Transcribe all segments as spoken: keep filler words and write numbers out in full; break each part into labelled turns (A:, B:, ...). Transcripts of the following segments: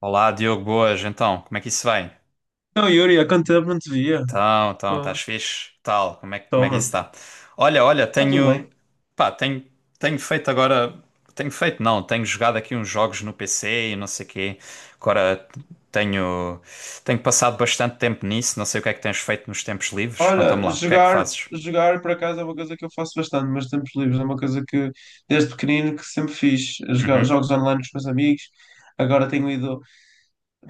A: Olá, Diogo, boas. Então, como é que isso vai?
B: Não, Yuri, há quanto tempo não te via?
A: Então, então,
B: Oh,
A: estás fixe? Tal, como é, que- como é que isso
B: toma.
A: está? Olha, olha,
B: Está tudo
A: tenho,
B: bem.
A: pá, tenho, tenho feito agora, tenho feito não, tenho jogado aqui uns jogos no P C e não sei quê. Agora tenho, tenho passado bastante tempo nisso, não sei o que é que tens feito nos tempos livres, conta-me
B: Olha,
A: lá, o que é que
B: jogar,
A: fazes?
B: jogar por acaso é uma coisa que eu faço bastante, mas tempos livres é uma coisa que desde pequenino que sempre fiz. Jogar,
A: Uhum,
B: jogos online com os meus amigos. Agora tenho ido,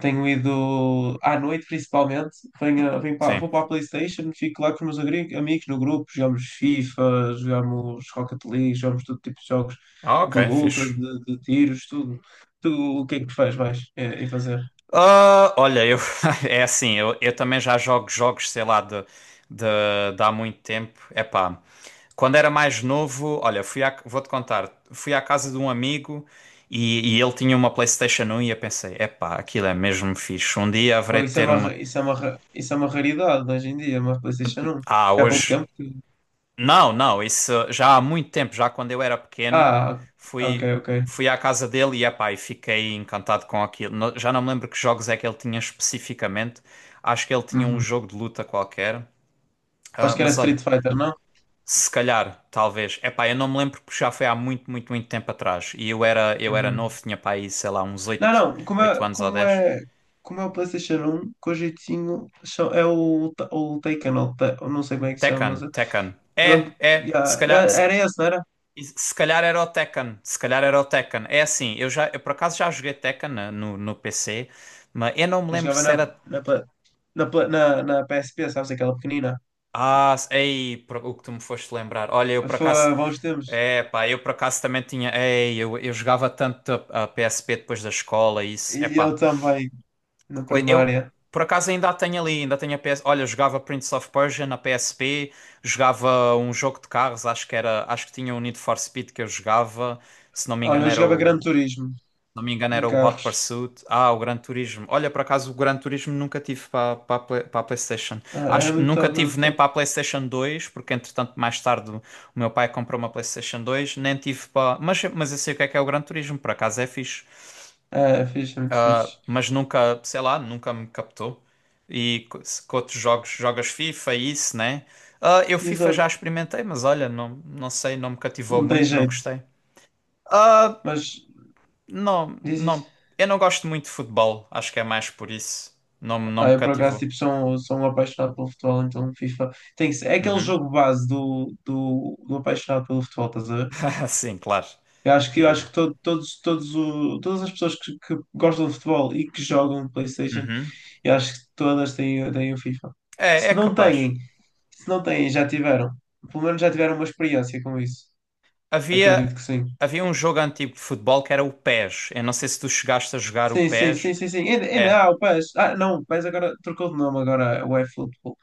B: tenho ido à noite principalmente. Venho, venho para,
A: sim.
B: vou para a PlayStation, fico lá com os meus agri- amigos no grupo, jogamos FIFA, jogamos Rocket League, jogamos todo tipo de jogos
A: Ah,
B: de
A: ok,
B: luta,
A: fixe.
B: de, de tiros, tudo. Tu, o que é que tu fazes mais eh, em fazer?
A: Ah, olha, eu é assim, eu, eu também já jogo jogos, sei lá, de, de, de há muito tempo. Epá, quando era mais novo, olha, fui à- vou-te contar, fui à casa de um amigo e, e ele tinha uma PlayStation um e eu pensei, epá, aquilo é mesmo fixe. Um dia haverei
B: Pô,
A: de
B: Isso é
A: ter
B: uma,
A: uma.
B: ra- isso é uma, ra- isso é uma raridade hoje em dia, uma PlayStation um.
A: Ah,
B: Foi há pouco
A: hoje.
B: tempo que.
A: Não, não, isso já há muito tempo, já quando eu era pequeno,
B: Ah, ok,
A: fui,
B: ok.
A: fui à casa dele e, epá, e fiquei encantado com aquilo. No- Já não me lembro que jogos é que ele tinha especificamente. Acho que ele tinha um
B: Uhum.
A: jogo de luta qualquer.
B: Acho
A: Ah,
B: que era
A: mas olha,
B: Street Fighter, não?
A: se calhar, talvez. Epá, eu não me lembro porque já foi há muito, muito, muito tempo atrás. E eu era, eu era
B: Uhum.
A: novo, tinha pá aí, sei lá, uns
B: Não,
A: oito
B: não, como é,
A: oito anos ou
B: como
A: dez.
B: é, como é o PlayStation one, com o jeitinho, cha- é o, Ta- o Taken, ou Ta- eu não sei como é que se chama, mas
A: Tekken, Tekken. É,
B: ele,
A: é, se
B: yeah, eu-
A: calhar.
B: era esse, não era?
A: E se calhar era o Tekken, se calhar era o Tekken. É assim, eu já, eu por acaso já joguei Tekken na- no, no P C, mas eu não me
B: Eu
A: lembro
B: jogava
A: se
B: na,
A: era.
B: na, pla- na, pla- na, na P S P, sabes, aquela pequenina.
A: Ah, se- ei, por- o que tu me foste lembrar. Olha, eu por
B: Foi
A: acaso.
B: há bons tempos.
A: É, pá, eu por acaso também tinha. Ei, eu, eu jogava tanto a, a P S P depois da escola, e isso. É
B: E eu
A: pá,
B: também, na
A: que coi- eu
B: primária.
A: por acaso ainda a tenho ali, ainda tenho a P S. Olha, eu jogava Prince of Persia na P S P, jogava um jogo de carros, acho que era. Acho que tinha o Need for Speed que eu jogava, se não me
B: Olha,
A: engano
B: eu
A: era
B: jogava Gran
A: o.
B: Turismo,
A: não me engano,
B: de
A: era o Hot
B: carros.
A: Pursuit. Ah, o Gran Turismo. Olha, por acaso, o Gran Turismo nunca tive para para a Play- para a PlayStation.
B: Ah, era
A: Acho,
B: muito
A: nunca
B: top, era
A: tive
B: muito
A: nem
B: top.
A: para a PlayStation dois, porque entretanto, mais tarde, o meu pai comprou uma PlayStation dois. Nem tive para. Mas, mas eu sei o que é que é o Gran Turismo, por acaso é fixe.
B: É, é fixe, é muito
A: Ah,
B: fixe.
A: mas nunca, sei lá, nunca me captou. E co- se- com outros jogos, jogas FIFA, e isso, né? Ah, eu FIFA já
B: Exato,
A: experimentei, mas olha, não, não sei, não me cativou
B: não tem
A: muito, não
B: jeito.
A: gostei. Ah,
B: Mas
A: não,
B: diz isso.
A: não. Eu não gosto muito de futebol. Acho que é mais por isso. Não, me- não
B: Ah,
A: me
B: eu por acaso
A: cativou.
B: tipo, sou, um, sou um apaixonado pelo futebol, então FIFA tem que ser. É aquele
A: Uhum.
B: jogo base do, do, do apaixonado pelo futebol, estás a ver?
A: Sim, claro.
B: Eu acho que, eu acho
A: E-
B: que to- todos, todos o, todas as pessoas que, que gostam de futebol e que jogam PlayStation,
A: Uhum.
B: eu acho que todas têm, têm o FIFA.
A: É, é
B: Se não
A: capaz.
B: têm, se não têm, já tiveram. Pelo menos já tiveram uma experiência com isso.
A: Havia,
B: Acredito que sim.
A: havia um jogo antigo de futebol que era o pés. Eu não sei se tu chegaste a jogar o
B: Sim, sim,
A: P E S.
B: sim, sim, sim. Ainda,
A: É.
B: ainda há o péss. Ah, não, o P E S agora trocou de nome agora, é o eFootball.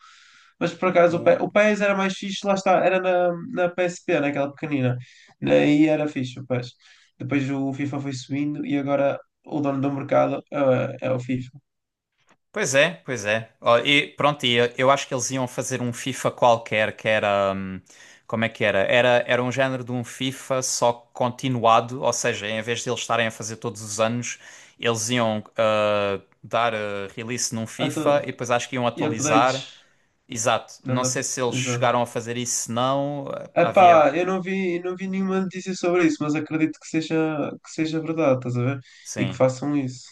B: Mas por acaso o
A: O,
B: PES, o PES era mais fixe, lá está, era na, na P S P, naquela pequenina. Aí era fixe o péss. Depois o FIFA foi subindo e agora o dono do mercado ah, é o FIFA.
A: Pois é, pois é. Ó, e pronto, e eu eu acho que eles iam fazer um FIFA qualquer que era. Hum, como é que era? Era, era um género de um FIFA só continuado, ou seja, em vez de eles estarem a fazer todos os anos, eles iam ah, dar ah, release num
B: Ah,
A: FIFA e
B: tô-
A: depois acho que iam
B: E
A: atualizar.
B: updates.
A: Exato. Não
B: Dando
A: sei
B: up-
A: se eles
B: Exato.
A: chegaram a fazer isso, se não. Ah, havia.
B: Epá, eu não vi, não vi nenhuma notícia sobre isso, mas acredito que seja, que seja verdade, estás a ver? E que
A: Sim.
B: façam isso.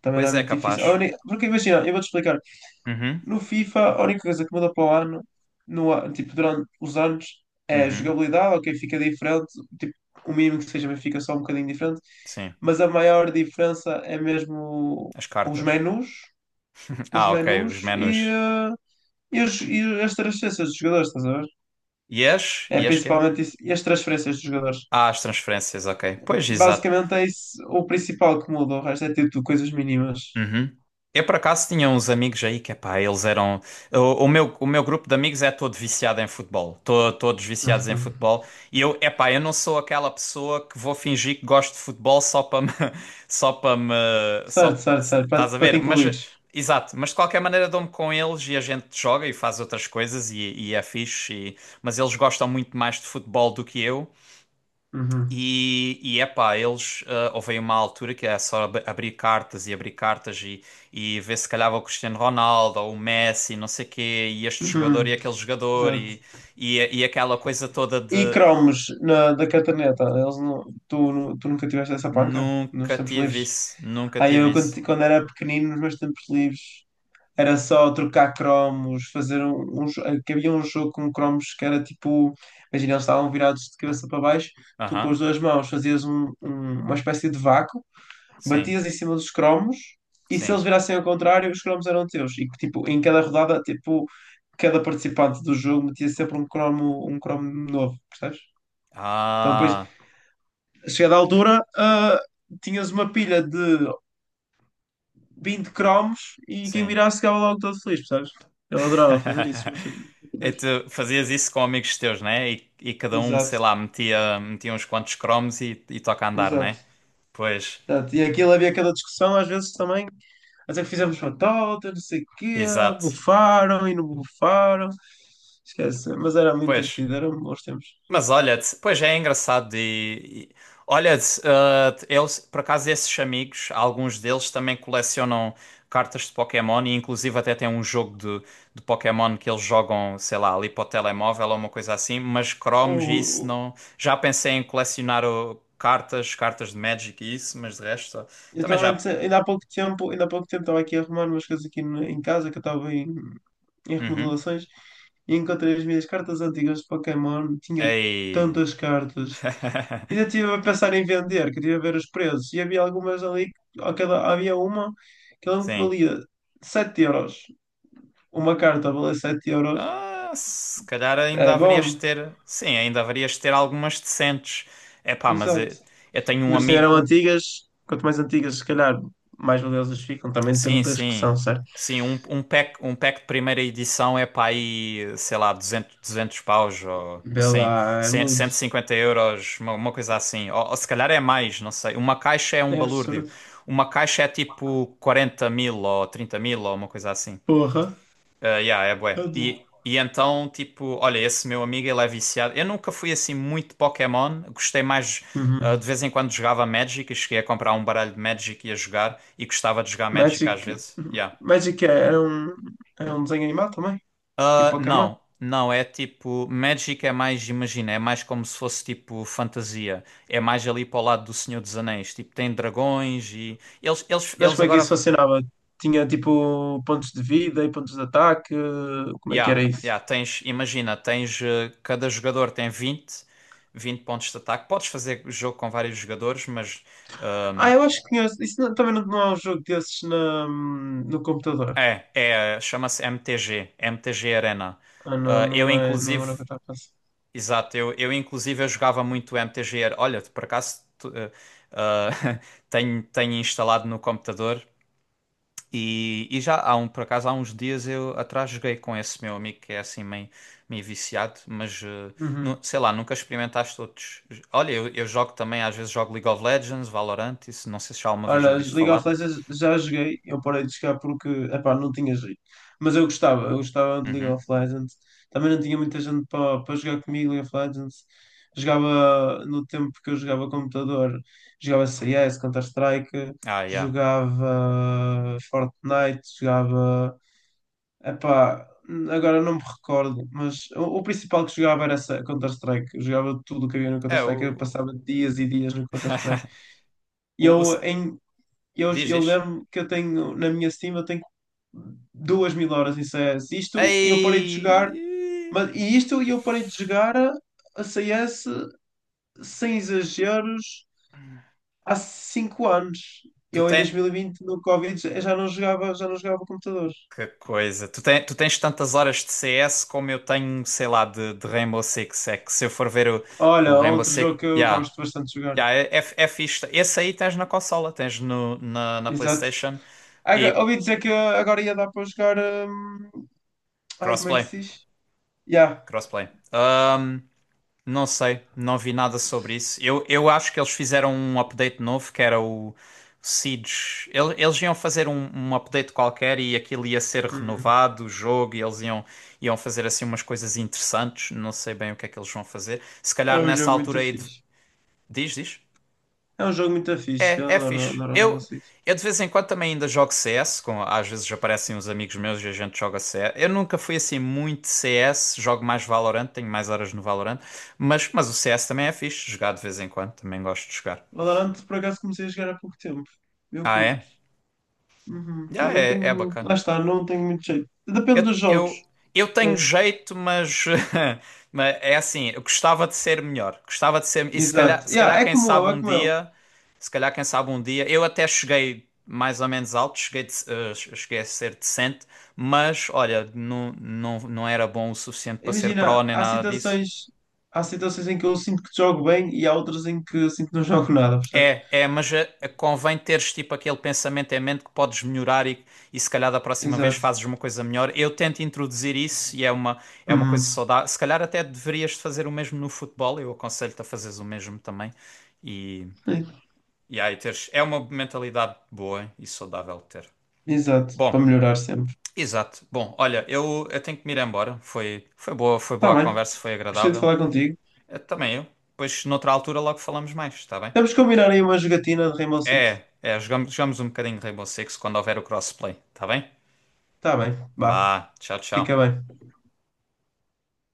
B: Também não é
A: Pois é,
B: muito difícil. A
A: capaz.
B: uni- Porque imagina, eu vou-te explicar.
A: Uhum,
B: No FIFA, a única coisa que muda para o ano, no, a- tipo, durante os anos, é a
A: uhum,
B: jogabilidade, ok, fica diferente, tipo, o mínimo que seja, mas fica só um bocadinho diferente,
A: sim.
B: mas a maior diferença é mesmo
A: As
B: os
A: cartas.
B: menus, os
A: Ah, ok,
B: menus
A: os
B: e,
A: menus.
B: eh, e, as, e as transferências dos jogadores, estás a ver?
A: Yes,
B: É
A: yes, quê?
B: principalmente isso, e as transferências dos jogadores.
A: Ah, as transferências, ok. Pois, exato.
B: Basicamente é isso o principal que muda, o resto é tipo coisas mínimas.
A: Uhum. Eu, por acaso, tinha uns amigos aí que, pá, eles eram... O, o meu, o meu grupo de amigos é todo viciado em futebol. To- todos viciados em
B: Uhum.
A: futebol. E eu, epá, eu não sou aquela pessoa que vou fingir que gosto de futebol só para me... Só para me...
B: Certo,
A: Só...
B: certo, certo, para,
A: Estás a
B: para te
A: ver? Mas, eh,
B: incluires.
A: exato. Mas, de qualquer maneira, dou-me com eles e a gente joga e faz outras coisas e, e é fixe. e- Mas eles gostam muito mais de futebol do que eu.
B: Uhum.
A: E, e epá, eles, ah, houve aí uma altura que é só ab- abrir cartas e abrir cartas e, e ver se calhava o Cristiano Ronaldo ou o Messi, não sei quê, e este jogador e
B: Uhum.
A: aquele jogador
B: Exato.
A: e, e, e aquela coisa toda
B: E
A: de
B: cromos na, da cartaneta. Eles não, tu, nu- tu nunca tiveste essa panca nos
A: nunca
B: tempos
A: tive
B: livres?
A: isso, nunca
B: Aí eu,
A: tive
B: quando,
A: isso.
B: ti- quando era pequenino, nos meus tempos livres, era só trocar cromos, fazer um, um jo- eh, que havia um jogo com cromos que era tipo, imagina, eles estavam virados de cabeça para baixo, tu com as
A: Aham,
B: duas mãos fazias um- um- uma espécie de vácuo,
A: sim,
B: batias em cima dos cromos, e se eles
A: sim.
B: virassem ao contrário, os cromos eram teus. E tipo, em cada rodada, tipo, cada participante do jogo metia sempre um cromo, um cromo novo, percebes? Então, depois,
A: Ah,
B: chegada à altura, ah, tinhas uma pilha de vinte cromos e quem
A: sim.
B: mirasse ficava logo todo feliz, percebes? Eu adorava fazer isso, mas
A: E
B: Deus.
A: tu fazias isso com amigos teus, né? E, e cada um, sei
B: Exato,
A: lá, metia, metia uns quantos cromos e, e toca a andar,
B: exato,
A: né? Pois,
B: exato. E aquilo havia aquela discussão, às vezes também, até que fizemos batota, não sei o quê,
A: exato.
B: bufaram e não bufaram. Esquece, mas era muito
A: Pois,
B: divertido, eram bons tempos.
A: mas olha-te, pois é engraçado e, e- olha-te, ah, eles, por acaso esses amigos, alguns deles também colecionam cartas de Pokémon e inclusive até tem um jogo de, de Pokémon que eles jogam, sei lá, ali para o telemóvel ou uma coisa assim, mas cromos e isso
B: O,
A: não, já pensei em colecionar o cartas, cartas de Magic e isso, mas de resto,
B: Eu
A: também
B: também.
A: já,
B: Disse- ainda há pouco tempo, ainda há pouco tempo estava aqui a arrumar umas coisas aqui no- em casa, que eu estava em, em
A: uhum,
B: remodelações, e encontrei as minhas cartas antigas de Pokémon, tinha
A: ei,
B: tantas cartas. Ainda estive a pensar em vender, queria ver os preços, e havia algumas ali, que- aquela, havia uma que ela me
A: sim.
B: valia sete euros. Uma carta valia sete euros.
A: Ah, se calhar ainda
B: É
A: haverias de
B: bom,
A: ter. Sim, ainda haverias de ter algumas decentes. É pá, mas
B: exato.
A: eu, eu tenho um
B: Ainda se eram
A: amigo.
B: antigas, quanto mais antigas, se calhar, mais valiosas ficam, também
A: Sim,
B: depende das que
A: sim.
B: são, certo?
A: Sim, um, um pack, um pack de primeira edição é pá aí, sei lá, duzentos duzentos paus ou ou
B: Vê
A: cento
B: lá, é muito.
A: e cinquenta euros, uma, uma coisa assim. Ou, ou se calhar é mais, não sei. Uma caixa é um
B: É
A: balúrdio.
B: absurdo.
A: Uma caixa é tipo quarenta mil ou trinta mil ou uma coisa assim.
B: Porra.
A: Ah, yeah, é bué.
B: Meu
A: E,
B: Deus.
A: e então, tipo, olha, esse meu amigo, ele é viciado. Eu nunca fui assim muito Pokémon, gostei mais. Ah, de
B: Uhum.
A: vez em quando jogava Magic e cheguei a comprar um baralho de Magic e a jogar, e gostava de jogar Magic às
B: Magic.
A: vezes. Yeah.
B: Magic é- era um, era um desenho animado também. Tipo
A: Ah,
B: Pokémon.
A: não, não, é tipo. Magic é mais, imagina, é mais como se fosse tipo fantasia. É mais ali para o lado do Senhor dos Anéis. Tipo, tem dragões e. Eles, eles,
B: Mas
A: eles
B: como é que
A: agora
B: isso funcionava? Tinha tipo pontos de vida e pontos de ataque. Como é que era
A: Yeah,
B: isso?
A: yeah, tens, imagina, tens, eh, cada jogador tem vinte vinte pontos de ataque. Podes fazer jogo com vários jogadores, mas
B: Ah, eu acho que tinha. Isso não- também não, não é um jogo desses na, no computador.
A: eh, é, é, chama-se M T G, M T G Arena.
B: Ah, não,
A: Ah, eu
B: não é, não era o
A: inclusive,
B: que eu estava a pensar.
A: exato, eu, eu inclusive eu jogava muito M T G. Ar- Olha, por acaso tu- eh, ah, tenho, tenho instalado no computador. E, e já há um, por acaso, há uns dias eu atrás joguei com esse meu amigo que é assim meio, meio viciado, mas eh, nu-
B: Uhum.
A: sei lá, nunca experimentaste outros. Olha, eu, eu jogo também, às vezes jogo League of Legends, Valorant, isso não sei se já alguma vez
B: Olha,
A: ouviste
B: League of
A: falar.
B: Legends já joguei, eu parei de jogar porque, epá, não tinha jeito. Mas eu gostava, eu gostava de League
A: Uhum.
B: of Legends. Também não tinha muita gente para para jogar comigo League of Legends. Jogava no tempo que eu jogava computador, jogava C S, Counter-Strike,
A: Ah, yeah.
B: jogava Fortnite, jogava, epá, agora não me recordo, mas o, o principal que jogava era essa- Counter-Strike. Eu jogava tudo o que havia no
A: É
B: Counter-Strike, eu
A: o.
B: passava dias e dias no Counter-Strike. E
A: o, o...
B: eu em eu,
A: Diz,
B: eu
A: diz.
B: lembro que eu tenho, na minha Steam, eu tenho duas mil horas em C S. Isto eu parei de jogar,
A: Ei!
B: mas, e isto eu parei de jogar a, a C S sem exageros há cinco anos.
A: Tu
B: Eu em
A: tens.
B: dois mil e vinte, no Covid, já já não jogava, já não jogava, computadores.
A: Que coisa! Tu, tem, tu tens tantas horas de C S como eu tenho, sei lá, de, de Rainbow Six. É que se eu for ver o, o
B: Olha,
A: Rainbow
B: outro
A: Six.
B: jogo que eu
A: Yeah.
B: gosto bastante de jogar.
A: Ya, é, é, é fixe. Esse aí tens na consola, tens no, na, na
B: Exato.
A: PlayStation
B: Aga-
A: e
B: Ouvi dizer que agora ia dar para jogar. hum, Ai, como é que
A: crossplay.
B: se diz? Já.
A: Crossplay. Ahm, não sei, não vi nada sobre isso. Eu, eu acho que eles fizeram um update novo que era o Siege. Ele- Eles iam fazer um, um update qualquer e aquilo ia ser
B: Hum.
A: renovado, o jogo, e eles iam, iam fazer assim umas coisas interessantes. Não sei bem o que é que eles vão fazer. Se
B: É
A: calhar
B: um
A: nessa
B: jogo muito
A: altura aí. de-
B: fixe.
A: Diz, diz.
B: É um jogo muito fixe.
A: É,
B: Eu
A: é
B: adoro,
A: fixe.
B: adoro Rainbow
A: Eu,
B: Six.
A: eu de vez em quando também ainda jogo C S, com, às vezes aparecem uns amigos meus e a gente joga C S. Eu nunca fui assim muito C S, jogo mais Valorant, tenho mais horas no Valorant, mas, mas o C S também é fixe, jogar de vez em quando, também gosto de jogar.
B: Valorant, por acaso, comecei a jogar há pouco tempo. Eu
A: Ah,
B: curto.
A: é?
B: Uhum. Mas
A: Ah,
B: não
A: é, é
B: tenho.
A: bacana.
B: Lá está, não tenho muito jeito. Depende
A: Eu,
B: dos jogos,
A: eu, eu tenho
B: sabes?
A: jeito, mas, mas é assim, eu gostava de ser melhor. Gostava de ser. E se calhar,
B: Exato.
A: se
B: Yeah,
A: calhar,
B: é
A: quem
B: como
A: sabe
B: eu, é
A: um
B: como eu.
A: dia, se calhar, quem sabe um dia, eu até cheguei mais ou menos alto, cheguei, de- eh, cheguei a ser decente, mas olha, não, não, não era bom o suficiente para ser pró
B: Imagina,
A: nem
B: há
A: nada disso.
B: situações. Há situações em que eu sinto que jogo bem e há outras em que eu sinto que não jogo nada, percebes?
A: É, é, mas eh, convém teres tipo aquele pensamento em mente que podes melhorar e, e se calhar da próxima vez
B: Exato.
A: fazes uma coisa melhor. Eu tento introduzir isso e é uma, é uma coisa
B: Uhum.
A: saudável. Se calhar até deverias fazer o mesmo no futebol, eu aconselho-te a fazeres o mesmo também. E,
B: É,
A: e aí teres, é uma mentalidade boa e saudável de ter.
B: exato. Para
A: Bom,
B: melhorar sempre.
A: exato. Bom, olha, eu, eu tenho que me ir embora. Foi, foi boa, foi
B: Tá
A: boa a
B: bem.
A: conversa, foi
B: Gostei de
A: agradável.
B: falar contigo.
A: Eh, também eu. Depois, noutra altura, logo falamos mais, está bem?
B: Temos que combinar aí uma jogatina de Rainbow Six.
A: É, é, jogamos, jogamos um bocadinho de Rainbow Six quando houver o crossplay, tá bem?
B: Tá bem. Vá.
A: Vá, tchau, tchau.
B: Fica bem.